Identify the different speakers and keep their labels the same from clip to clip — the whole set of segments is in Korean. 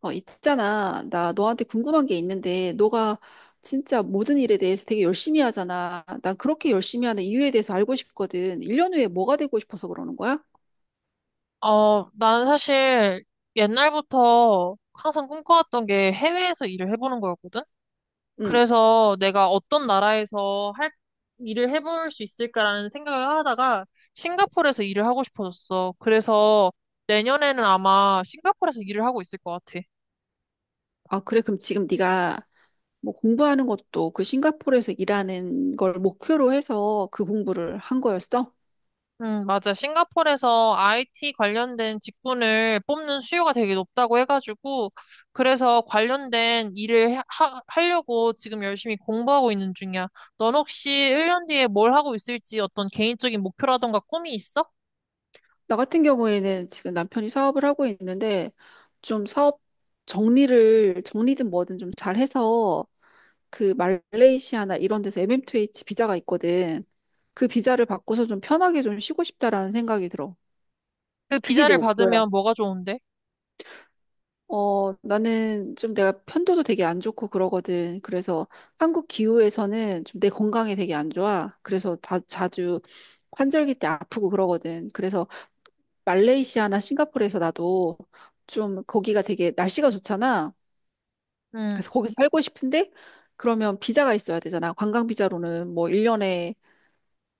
Speaker 1: 있잖아. 나 너한테 궁금한 게 있는데, 너가 진짜 모든 일에 대해서 되게 열심히 하잖아. 난 그렇게 열심히 하는 이유에 대해서 알고 싶거든. 1년 후에 뭐가 되고 싶어서 그러는 거야?
Speaker 2: 나는 사실 옛날부터 항상 꿈꿔왔던 게 해외에서 일을 해보는 거였거든?
Speaker 1: 응.
Speaker 2: 그래서 내가 어떤 나라에서 일을 해볼 수 있을까라는 생각을 하다가 싱가포르에서 일을 하고 싶어졌어. 그래서 내년에는 아마 싱가포르에서 일을 하고 있을 것 같아.
Speaker 1: 아, 그래. 그럼 지금 네가 뭐 공부하는 것도 그 싱가포르에서 일하는 걸 목표로 해서 그 공부를 한 거였어?
Speaker 2: 맞아. 싱가포르에서 IT 관련된 직군을 뽑는 수요가 되게 높다고 해가지고, 그래서 관련된 일을 하려고 지금 열심히 공부하고 있는 중이야. 넌 혹시 1년 뒤에 뭘 하고 있을지 어떤 개인적인 목표라던가 꿈이 있어?
Speaker 1: 나 같은 경우에는 지금 남편이 사업을 하고 있는데, 좀 사업 정리든 뭐든 좀 잘해서 그 말레이시아나 이런 데서 MM2H 비자가 있거든. 그 비자를 받고서 좀 편하게 좀 쉬고 싶다라는 생각이 들어.
Speaker 2: 그
Speaker 1: 그게 내
Speaker 2: 비자를
Speaker 1: 목표야.
Speaker 2: 받으면 뭐가 좋은데?
Speaker 1: 나는 좀 내가 편도도 되게 안 좋고 그러거든. 그래서 한국 기후에서는 좀 내 건강에 되게 안 좋아. 그래서 다 자주 환절기 때 아프고 그러거든. 그래서 말레이시아나 싱가포르에서 나도 좀 거기가 되게 날씨가 좋잖아.
Speaker 2: 응,
Speaker 1: 그래서 거기서 살고 싶은데 그러면 비자가 있어야 되잖아. 관광 비자로는 뭐 1년에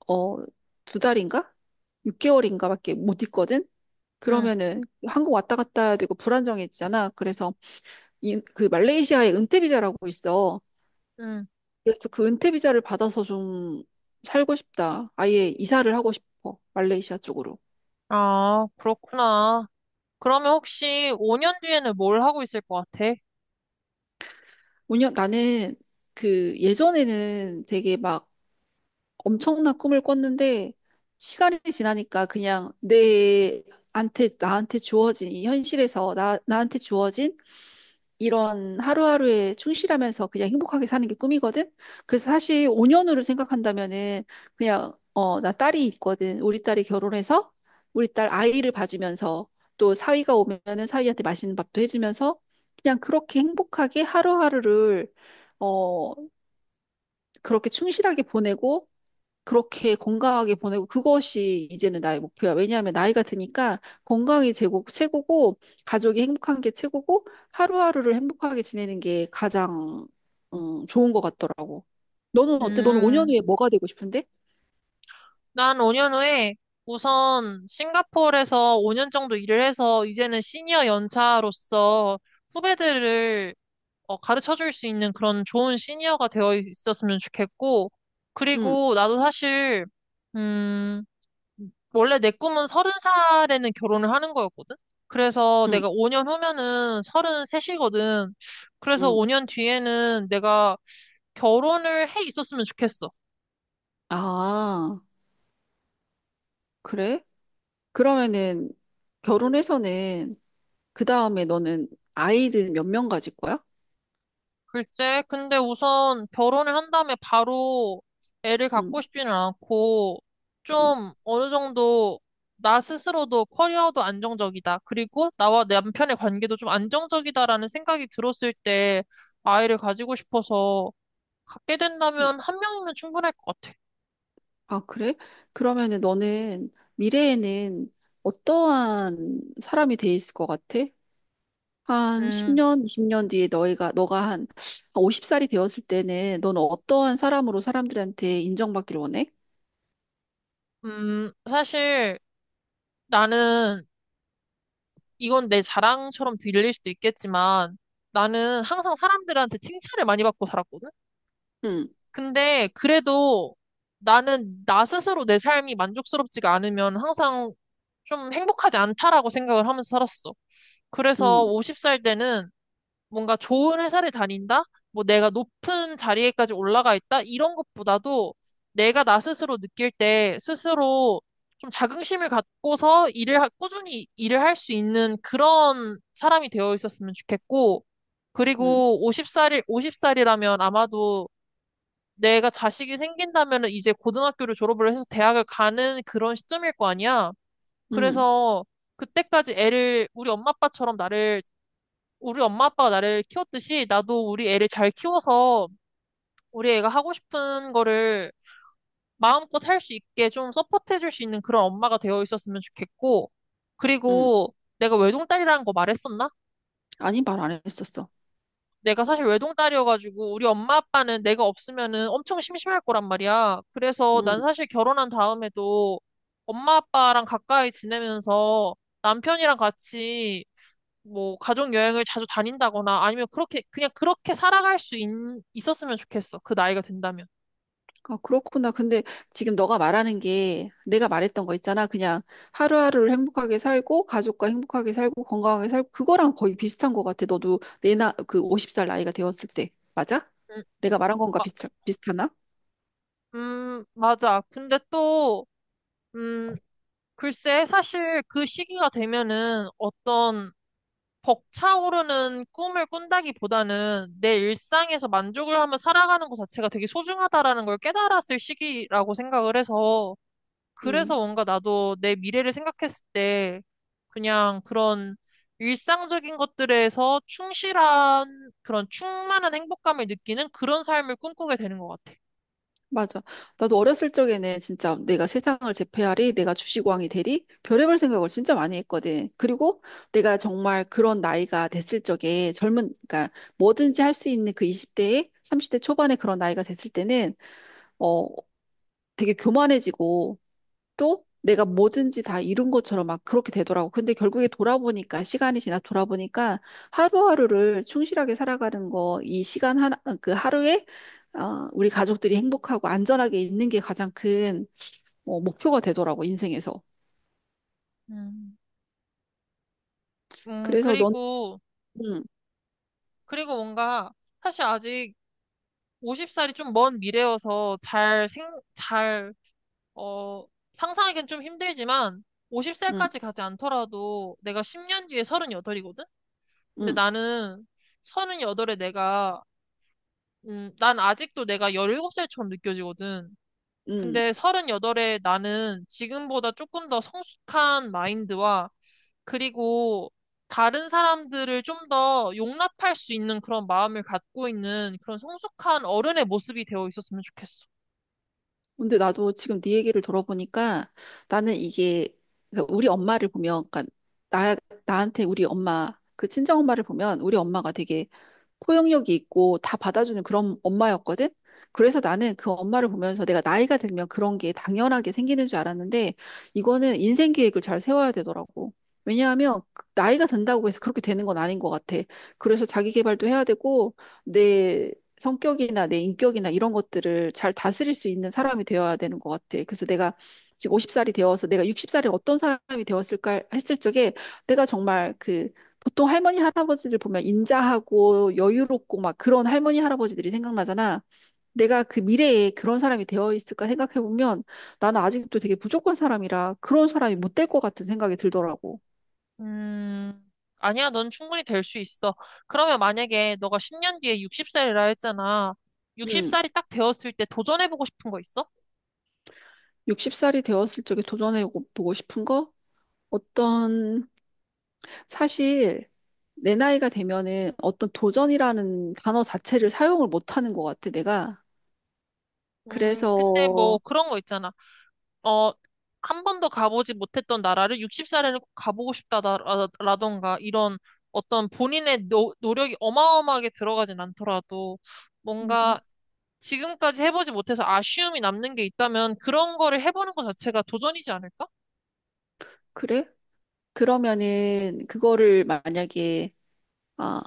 Speaker 1: 어, 두 달인가? 6개월인가밖에 못 있거든?
Speaker 2: 응,
Speaker 1: 그러면은 한국 왔다 갔다 해야 되고 불안정해지잖아. 그래서 그 말레이시아에 은퇴 비자라고 있어.
Speaker 2: 응.
Speaker 1: 그래서 그 은퇴 비자를 받아서 좀 살고 싶다. 아예 이사를 하고 싶어. 말레이시아 쪽으로.
Speaker 2: 아, 그렇구나. 그러면 혹시 5년 뒤에는 뭘 하고 있을 것 같아?
Speaker 1: 나는 그 예전에는 되게 막 엄청난 꿈을 꿨는데 시간이 지나니까 그냥 내한테 나한테 주어진 이 현실에서 나 나한테 주어진 이런 하루하루에 충실하면서 그냥 행복하게 사는 게 꿈이거든. 그래서 사실 5년 후를 생각한다면은 그냥 나 딸이 있거든. 우리 딸이 결혼해서 우리 딸 아이를 봐주면서 또 사위가 오면은 사위한테 맛있는 밥도 해주면서 그냥 그렇게 행복하게 하루하루를 어, 그렇게 충실하게 보내고 그렇게 건강하게 보내고 그것이 이제는 나의 목표야. 왜냐하면 나이가 드니까 건강이 최고고 가족이 행복한 게 최고고 하루하루를 행복하게 지내는 게 가장 좋은 것 같더라고. 너는 어때? 너는 5년
Speaker 2: 음.
Speaker 1: 후에 뭐가 되고 싶은데?
Speaker 2: 난 5년 후에 우선 싱가포르에서 5년 정도 일을 해서 이제는 시니어 연차로서 후배들을 가르쳐 줄 수 있는 그런 좋은 시니어가 되어 있었으면 좋겠고,
Speaker 1: 응,
Speaker 2: 그리고 나도 사실, 음, 원래 내 꿈은 서른 살에는 결혼을 하는 거였거든? 그래서
Speaker 1: 응,
Speaker 2: 내가 5년 후면은 서른 셋이거든. 그래서
Speaker 1: 응.
Speaker 2: 5년 뒤에는 내가 결혼을 해 있었으면 좋겠어.
Speaker 1: 아, 그래? 그러면은 결혼해서는 그 다음에 너는 아이를 몇 명 가질 거야?
Speaker 2: 글쎄, 근데 우선 결혼을 한 다음에 바로 애를 갖고
Speaker 1: 응,
Speaker 2: 싶지는 않고,
Speaker 1: 응.
Speaker 2: 좀 어느 정도 나 스스로도 커리어도 안정적이다. 그리고 나와 내 남편의 관계도 좀 안정적이다라는 생각이 들었을 때 아이를 가지고 싶어서 갖게
Speaker 1: 응.
Speaker 2: 된다면 한 명이면 충분할 것 같아.
Speaker 1: 아, 그래? 그러면은 너는 미래에는 어떠한 사람이 돼 있을 것 같아? 한
Speaker 2: 음,
Speaker 1: 10년, 20년 뒤에 너가 한 50살이 되었을 때는 너는 어떠한 사람으로 사람들한테 인정받기를 원해?
Speaker 2: 사실 나는 이건 내 자랑처럼 들릴 수도 있겠지만 나는 항상 사람들한테 칭찬을 많이 받고 살았거든.
Speaker 1: 응,
Speaker 2: 근데 그래도 나는 나 스스로 내 삶이 만족스럽지가 않으면 항상 좀 행복하지 않다라고 생각을 하면서 살았어. 그래서
Speaker 1: 응,
Speaker 2: 50살 때는 뭔가 좋은 회사를 다닌다? 뭐 내가 높은 자리에까지 올라가 있다? 이런 것보다도 내가 나 스스로 느낄 때 스스로 좀 자긍심을 갖고서 꾸준히 일을 할 수 있는 그런 사람이 되어 있었으면 좋겠고,
Speaker 1: 응,
Speaker 2: 그리고 50살이라면 아마도 내가 자식이 생긴다면은 이제 고등학교를 졸업을 해서 대학을 가는 그런 시점일 거 아니야.
Speaker 1: 응,
Speaker 2: 그래서 그때까지 애를 우리 엄마 아빠가 나를 키웠듯이 나도 우리 애를 잘 키워서 우리 애가 하고 싶은 거를 마음껏 할 수 있게 좀 서포트해 줄 수 있는 그런 엄마가 되어 있었으면 좋겠고
Speaker 1: 응.
Speaker 2: 그리고 내가 외동딸이라는 거 말했었나?
Speaker 1: 아니, 말 안 했었어.
Speaker 2: 내가 사실 외동딸이어가지고 우리 엄마 아빠는 내가 없으면은 엄청 심심할 거란 말이야. 그래서
Speaker 1: 응.
Speaker 2: 난 사실 결혼한 다음에도 엄마 아빠랑 가까이 지내면서 남편이랑 같이 뭐 가족 여행을 자주 다닌다거나 아니면 그렇게 그냥 그렇게 있었으면 좋겠어. 그 나이가 된다면.
Speaker 1: 아, 그렇구나. 근데 지금 너가 말하는 게 내가 말했던 거 있잖아. 그냥 하루하루를 행복하게 살고, 가족과 행복하게 살고, 건강하게 살고, 그거랑 거의 비슷한 것 같아. 너도 그 50살 나이가 되었을 때. 맞아?
Speaker 2: 음,
Speaker 1: 내가 말한 건가
Speaker 2: 마,
Speaker 1: 비슷하나?
Speaker 2: 맞아. 근데 또 음, 글쎄 사실 그 시기가 되면은 어떤 벅차오르는 꿈을 꾼다기보다는 내 일상에서 만족을 하며 살아가는 것 자체가 되게 소중하다라는 걸 깨달았을 시기라고 생각을 해서 그래서
Speaker 1: 음,
Speaker 2: 뭔가 나도 내 미래를 생각했을 때 그냥 그런 일상적인 것들에서 충실한 그런 충만한 행복감을 느끼는 그런 삶을 꿈꾸게 되는 것 같아.
Speaker 1: 맞아. 나도 어렸을 적에는 진짜 내가 세상을 제패하리, 내가 주식왕이 되리, 별의별 생각을 진짜 많이 했거든. 그리고 내가 정말 그런 나이가 됐을 적에 그러니까 뭐든지 할 수 있는 그 20대에 30대 초반에 그런 나이가 됐을 때는 어, 되게 교만해지고 또 내가 뭐든지 다 이룬 것처럼 막 그렇게 되더라고. 근데 결국에 돌아보니까 시간이 지나 돌아보니까 하루하루를 충실하게 살아가는 거, 이 시간 하나, 그 하루에 우리 가족들이 행복하고 안전하게 있는 게 가장 큰 목표가 되더라고, 인생에서.
Speaker 2: 음, 음,
Speaker 1: 그래서 넌,
Speaker 2: 그리고,
Speaker 1: 응,
Speaker 2: 그리고 뭔가, 사실 아직 50살이 좀 먼 미래여서 잘 어, 상상하기는 좀 힘들지만
Speaker 1: 응,
Speaker 2: 50살까지 가지 않더라도 내가 10년 뒤에 38이거든? 근데
Speaker 1: 응,
Speaker 2: 나는 38에 내가 난 아직도 내가 17살처럼 느껴지거든.
Speaker 1: 응.
Speaker 2: 근데 38에 나는 지금보다 조금 더 성숙한 마인드와 그리고 다른 사람들을 좀 더 용납할 수 있는 그런 마음을 갖고 있는 그런 성숙한 어른의 모습이 되어 있었으면 좋겠어.
Speaker 1: 근데 나도 지금 네 얘기를 들어보니까 나는 이게 그러니까 우리 엄마를 보면 그러니까 나 나한테 우리 엄마 그 친정 엄마를 보면 우리 엄마가 되게 포용력이 있고 다 받아주는 그런 엄마였거든. 그래서 나는 그 엄마를 보면서 내가 나이가 들면 그런 게 당연하게 생기는 줄 알았는데 이거는 인생 계획을 잘 세워야 되더라고. 왜냐하면 그 나이가 든다고 해서 그렇게 되는 건 아닌 것 같아. 그래서 자기 개발도 해야 되고 내 성격이나 내 인격이나 이런 것들을 잘 다스릴 수 있는 사람이 되어야 되는 것 같아. 그래서 내가 지금 50살이 되어서 내가 60살에 어떤 사람이 되었을까 했을 적에 내가 정말 그 보통 할머니 할아버지들 보면 인자하고 여유롭고 막 그런 할머니 할아버지들이 생각나잖아. 내가 그 미래에 그런 사람이 되어 있을까 생각해 보면 나는 아직도 되게 부족한 사람이라 그런 사람이 못 될 것 같은 생각이 들더라고.
Speaker 2: 음, 아니야, 넌 충분히 될 수 있어. 그러면 만약에 너가 10년 뒤에 60살이라 했잖아.
Speaker 1: 음,
Speaker 2: 60살이 딱 되었을 때 도전해보고 싶은 거 있어?
Speaker 1: 60살이 되었을 적에 도전해 보고 싶은 거? 어떤 사실 내 나이가 되면은 어떤 도전이라는 단어 자체를 사용을 못 하는 것 같아, 내가. 그래서
Speaker 2: 근데 뭐 그런 거 있잖아. 어, 한 번도 가보지 못했던 나라를 60살에는 꼭 가보고 싶다라던가 이런 어떤 본인의 노력이 어마어마하게 들어가진 않더라도
Speaker 1: 음,
Speaker 2: 뭔가 지금까지 해보지 못해서 아쉬움이 남는 게 있다면 그런 거를 해보는 것 자체가 도전이지 않을까?
Speaker 1: 그래? 그러면은 그거를 만약에 아,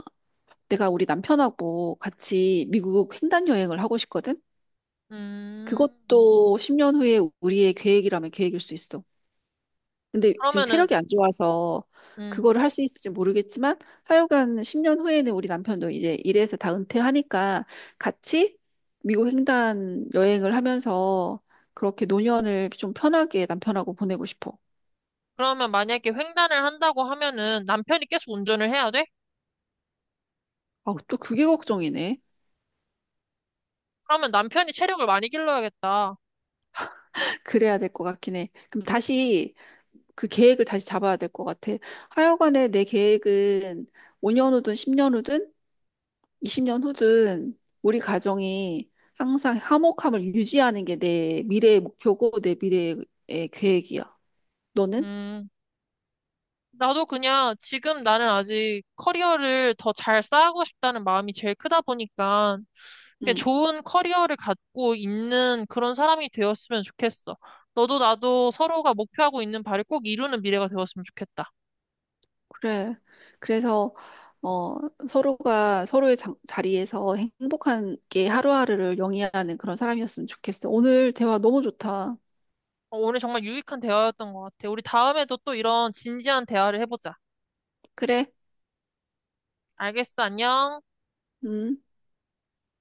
Speaker 1: 내가 우리 남편하고 같이 미국 횡단 여행을 하고 싶거든?
Speaker 2: 음,
Speaker 1: 그것도 10년 후에 우리의 계획이라면 계획일 수 있어. 근데 지금
Speaker 2: 그러면은,
Speaker 1: 체력이 안 좋아서
Speaker 2: 음,
Speaker 1: 그거를 할 수 있을지 모르겠지만 하여간 10년 후에는 우리 남편도 이제 일에서 다 은퇴하니까 같이 미국 횡단 여행을 하면서 그렇게 노년을 좀 편하게 남편하고 보내고 싶어.
Speaker 2: 그러면 만약에 횡단을 한다고 하면은 남편이 계속 운전을 해야 돼?
Speaker 1: 아, 또 그게 걱정이네.
Speaker 2: 그러면 남편이 체력을 많이 길러야겠다.
Speaker 1: 그래야 될 것 같긴 해. 그럼 다시 그 계획을 다시 잡아야 될 것 같아. 하여간에 내 계획은 5년 후든 10년 후든 20년 후든 우리 가정이 항상 화목함을 유지하는 게 내 미래의 목표고 내 미래의 계획이야. 너는?
Speaker 2: 음. 나도 그냥 지금 나는 아직 커리어를 더 잘 쌓고 싶다는 마음이 제일 크다 보니까 그냥
Speaker 1: 응,
Speaker 2: 좋은 커리어를 갖고 있는 그런 사람이 되었으면 좋겠어. 너도 나도 서로가 목표하고 있는 바를 꼭 이루는 미래가 되었으면 좋겠다.
Speaker 1: 그래. 그래서 어, 서로가 서로의 자리에서 행복하게 하루하루를 영위하는 그런 사람이었으면 좋겠어. 오늘 대화 너무 좋다.
Speaker 2: 오늘 정말 유익한 대화였던 것 같아. 우리 다음에도 또 이런 진지한 대화를 해보자.
Speaker 1: 그래.
Speaker 2: 알겠어, 안녕.
Speaker 1: 음.